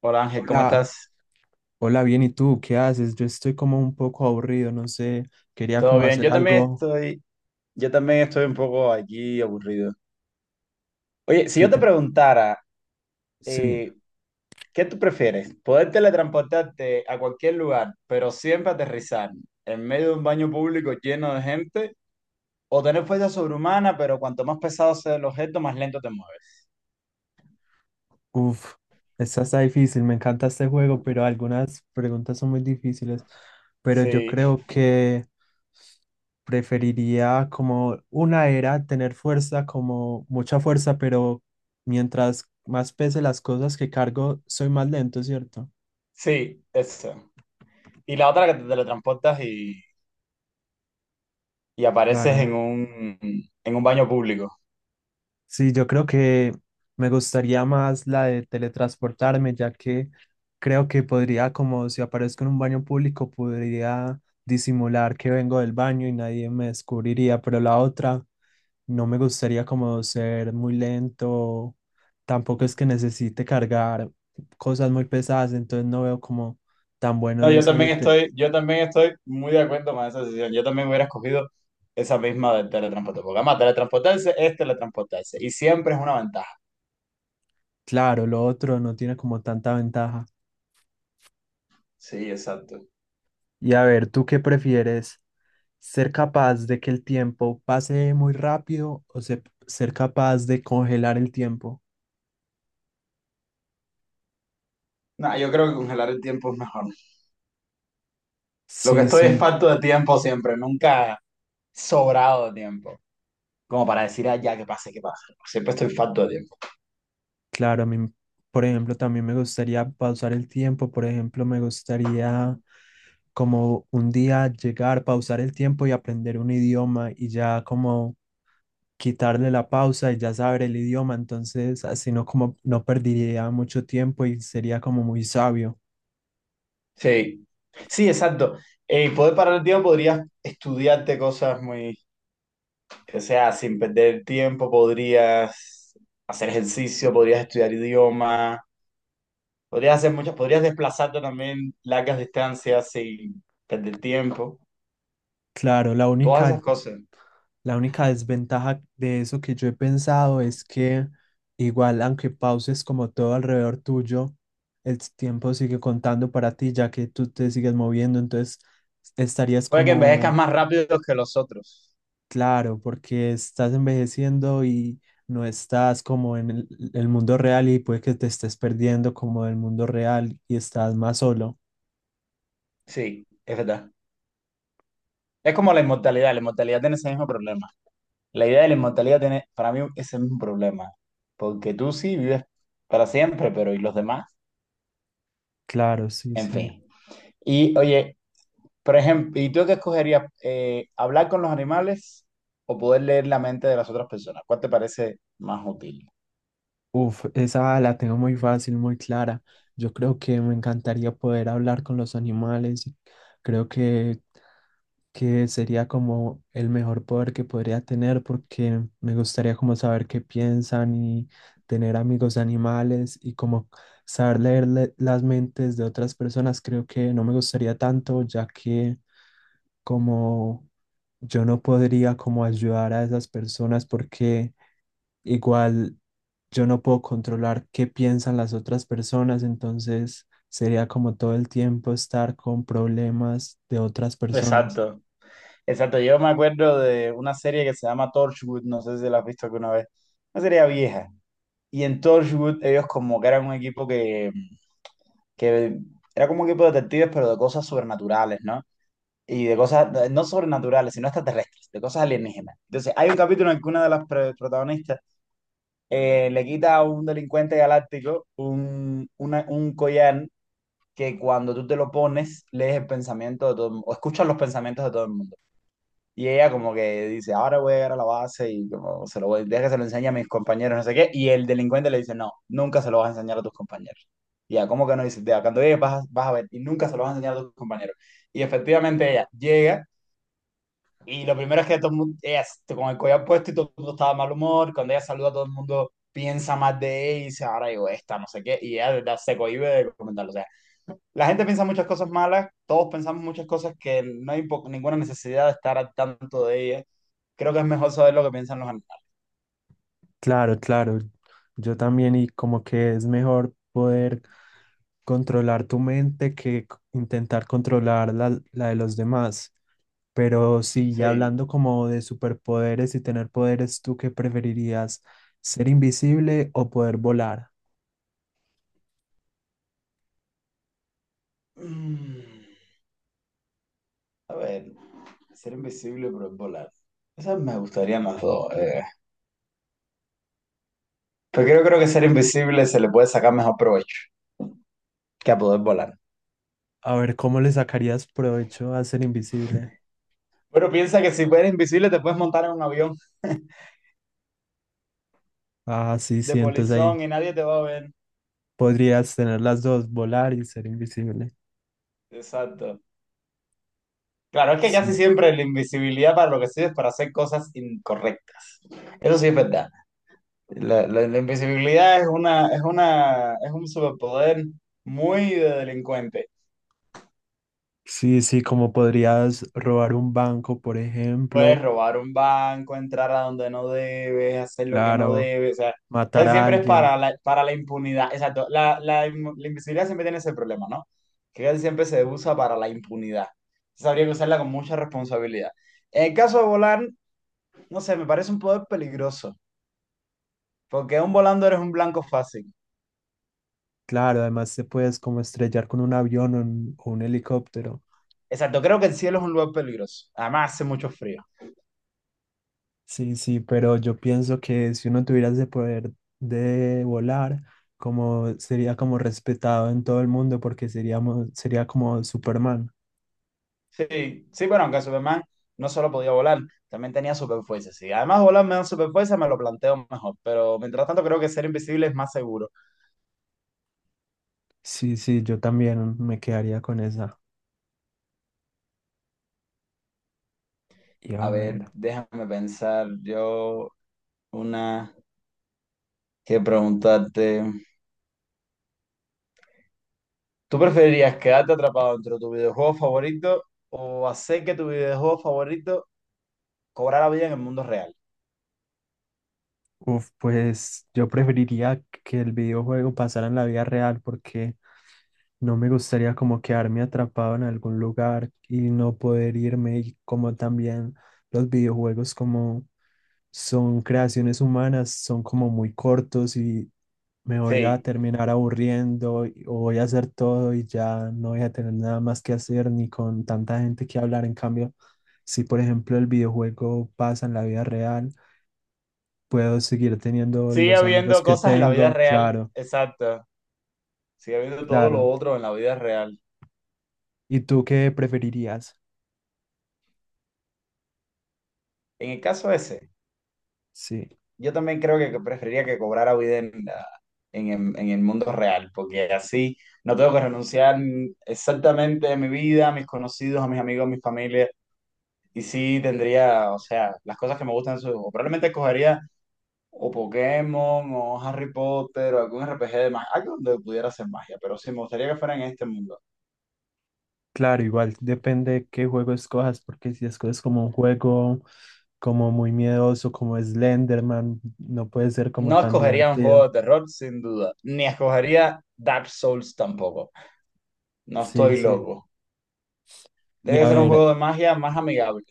Hola, Ángel, ¿cómo Hola, estás? hola, bien, ¿y tú qué haces? Yo estoy como un poco aburrido, no sé, quería ¿Todo como bien? hacer Yo también algo estoy, yo también estoy un poco aquí aburrido. Oye, si que yo te te... preguntara, Sí, eh, ¿qué tú prefieres? ¿Poder teletransportarte a cualquier lugar, pero siempre aterrizar en medio de un baño público lleno de gente? ¿O tener fuerza sobrehumana, pero cuanto más pesado sea el objeto, más lento te mueves? uff, esta está difícil, me encanta este juego, pero algunas preguntas son muy difíciles, pero yo Sí, creo que preferiría como una era tener fuerza, como mucha fuerza, pero mientras más pese las cosas que cargo, soy más lento, ¿cierto? sí, eso. Y la otra que te teletransportas y apareces en Claro. un, en un baño público. Sí, yo creo que me gustaría más la de teletransportarme, ya que creo que podría, como si aparezco en un baño público, podría disimular que vengo del baño y nadie me descubriría, pero la otra no me gustaría como ser muy lento, tampoco es que necesite cargar cosas muy pesadas, entonces no veo como tan bueno No, yo también estoy, yo también estoy muy de acuerdo con esa decisión. Yo también hubiera escogido esa misma del teletransporte. Porque además, teletransportarse es teletransportarse. Y siempre es una ventaja. claro, lo otro no tiene como tanta ventaja. Sí, exacto. Y a ver, ¿tú qué prefieres? ¿Ser capaz de que el tiempo pase muy rápido o ser capaz de congelar el tiempo? No, yo creo que congelar el tiempo es mejor. Lo que Sí, estoy es sí, falto de tiempo siempre. Nunca sobrado de tiempo. Como para decir, ah, ya, que pase, que pase. Siempre estoy falto de tiempo. claro, a mí, por ejemplo, también me gustaría pausar el tiempo, por ejemplo, me gustaría como un día llegar, pausar el tiempo y aprender un idioma y ya como quitarle la pausa y ya saber el idioma, entonces así no como no perdería mucho tiempo y sería como muy sabio. Sí. Sí, exacto. Y poder parar el tiempo podrías estudiarte cosas muy... O sea, sin perder tiempo podrías hacer ejercicio, podrías estudiar idioma, podrías hacer muchas, podrías desplazarte también largas distancias sin perder tiempo, Claro, la todas única esas cosas. La única desventaja de eso que yo he pensado es que igual, aunque pauses como todo alrededor tuyo, el tiempo sigue contando para ti ya que tú te sigues moviendo, entonces estarías Puede que envejezcas como, más rápido que los otros. claro, porque estás envejeciendo y no estás como en el mundo real y puede que te estés perdiendo como del mundo real y estás más solo. Sí, es verdad. Es como la inmortalidad tiene ese mismo problema. La idea de la inmortalidad tiene para mí ese mismo problema, porque tú sí vives para siempre, pero ¿y los demás? Claro, sí, En sí. fin. Y oye, por ejemplo, ¿y tú qué escogerías? ¿Hablar con los animales o poder leer la mente de las otras personas? ¿Cuál te parece más útil? Uf, esa la tengo muy fácil, muy clara. Yo creo que me encantaría poder hablar con los animales. Creo que sería como el mejor poder que podría tener porque me gustaría como saber qué piensan y tener amigos animales y como saber leer las mentes de otras personas. Creo que no me gustaría tanto ya que como yo no podría como ayudar a esas personas porque igual yo no puedo controlar qué piensan las otras personas, entonces sería como todo el tiempo estar con problemas de otras personas. Exacto, exacto. Yo me acuerdo de una serie que se llama Torchwood, no sé si la has visto alguna vez, una serie vieja. Y en Torchwood ellos como que eran un equipo que era como un equipo de detectives, pero de cosas sobrenaturales, ¿no? Y de cosas, no sobrenaturales, sino extraterrestres, de cosas alienígenas. Entonces, hay un capítulo en el que una de las protagonistas le quita a un delincuente galáctico un, un collar que cuando tú te lo pones, lees el pensamiento de todo el mundo, o escuchas los pensamientos de todo el mundo. Y ella como que dice, ahora voy a llegar a la base y como se lo voy, deja que se lo enseñe a mis compañeros, no sé qué. Y el delincuente le dice, no, nunca se lo vas a enseñar a tus compañeros. Y ya, ¿cómo que no? Dice, "Ya, cuando llegues vas a ver y nunca se lo vas a enseñar a tus compañeros". Y efectivamente ella llega y lo primero es que todo el mundo, ella con el collar puesto y todo el mundo estaba de mal humor. Cuando ella saluda, todo el mundo piensa más de ella y dice, ahora digo esta, no sé qué. Y ella de verdad se cohíbe de comentarlo. O sea, la gente piensa muchas cosas malas, todos pensamos muchas cosas que no hay ninguna necesidad de estar al tanto de ella. Creo que es mejor saber lo que piensan los animales. Claro, claro. Yo también y como que es mejor poder controlar tu mente que intentar controlar la de los demás. Pero sí, ya Sí. hablando como de superpoderes y tener poderes, ¿tú qué preferirías? ¿Ser invisible o poder volar? Mm, a ver, ser invisible pero es volar. Esas me gustarían las dos. Pero creo que ser invisible se le puede sacar mejor provecho que a poder volar. A ver, ¿cómo le sacarías provecho a ser invisible? Bueno, piensa que si eres invisible te puedes montar en un avión Ah, sí, de sí, entonces ahí polizón y nadie te va a ver. podrías tener las dos, volar y ser invisible. Exacto. Claro, es que casi Sí, siempre la invisibilidad para lo que sirve es para hacer cosas incorrectas. Eso sí es verdad. La, la invisibilidad es un superpoder muy de delincuente. sí, sí, como podrías robar un banco, por Puedes ejemplo, robar un banco, entrar a donde no debes, hacer lo que no claro, debes, o sea, matar casi a siempre es alguien, para la impunidad, exacto, la, la invisibilidad siempre tiene ese problema, ¿no? Que casi siempre se usa para la impunidad, entonces habría que usarla con mucha responsabilidad. En el caso de volar, no sé, me parece un poder peligroso, porque un volando eres un blanco fácil, claro, además te puedes como estrellar con un avión o un helicóptero. exacto, creo que el cielo es un lugar peligroso, además hace mucho frío. Sí, sí, pero yo pienso que si uno tuviera ese poder de volar, como sería como respetado en todo el mundo porque sería como Superman. Sí, sí, bueno, aunque Superman no solo podía volar, también tenía superfuerza, sí. Además, volar me da superfuerza, me lo planteo mejor, pero mientras tanto creo que ser invisible es más seguro. Sí, sí, yo también me quedaría con esa. Y a A ver, ver. déjame pensar yo una que preguntarte. ¿Tú preferirías quedarte atrapado dentro de tu videojuego favorito o hacer que tu videojuego favorito cobrara vida en el mundo real? Uf, pues yo preferiría que el videojuego pasara en la vida real porque no me gustaría como quedarme atrapado en algún lugar y no poder irme y como también los videojuegos como son creaciones humanas, son como muy cortos y me voy a Sí, terminar o voy a hacer todo y ya no voy a tener nada más que hacer ni con tanta gente que hablar. En cambio, si por ejemplo el videojuego pasa en la vida real, puedo seguir teniendo sigue los amigos habiendo que cosas en la vida tengo, real, claro, exacto. Sigue habiendo todo lo claro. otro en la vida real. ¿Y tú qué preferirías? En el caso ese. Sí, Yo también creo que preferiría que cobrara vida en el mundo real, porque así no tengo que renunciar exactamente a mi vida, a mis conocidos, a mis amigos, a mi familia, y sí tendría, o sea, las cosas que me gustan en su juego. Probablemente escogería o Pokémon, o Harry Potter, o algún RPG de magia, algo donde pudiera hacer magia, pero sí me gustaría que fuera en este mundo. claro, igual depende qué juego escojas, porque si escoges como un juego como muy miedoso, como Slenderman, no puede ser como No tan escogería un juego divertido. de terror, sin duda, ni escogería Dark Souls tampoco. No Sí, estoy sí. loco. Y Tiene que a ser un ver, juego de magia más amigable.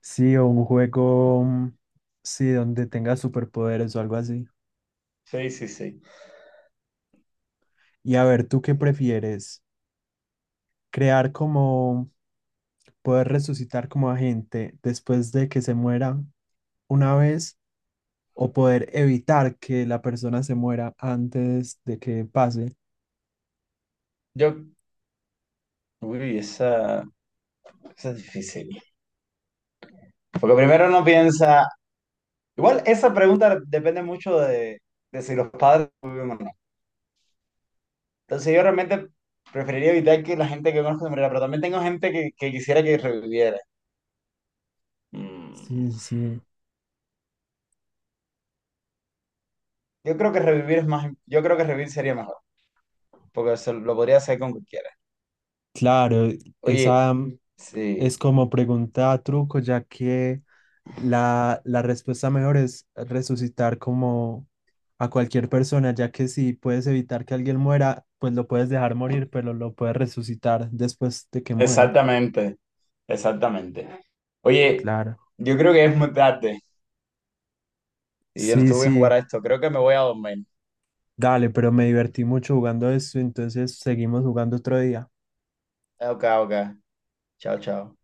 sí, o un juego, sí, donde tenga superpoderes o algo así. Sí, sí, sí. Y a ver, ¿tú qué prefieres? ¿Crear como, ¿Poder resucitar como a gente después de que se muera una vez? ¿O poder evitar que la persona se muera antes de que pase? Yo, uy, esa es difícil. Porque primero uno piensa, igual esa pregunta depende mucho de si los padres tuvieron o no. Entonces yo realmente preferiría evitar que la gente que conozco se muriera, pero también tengo gente que quisiera que reviviera. Sí, Mm. sí. Yo creo que revivir es más, yo creo que revivir sería mejor, porque se lo podría hacer con cualquiera. Claro, Oye, esa es sí, como pregunta truco, ya que la respuesta mejor es resucitar como a cualquier persona, ya que si puedes evitar que alguien muera, pues lo puedes dejar morir, pero lo puedes resucitar después de que muera. exactamente, exactamente. Oye, Claro. yo creo que es muy tarde y yo no Sí, estuve bien jugar sí, a esto, creo que me voy a dormir. dale, pero me divertí mucho jugando esto, entonces seguimos jugando otro día. Ok, ok. Chao, chao.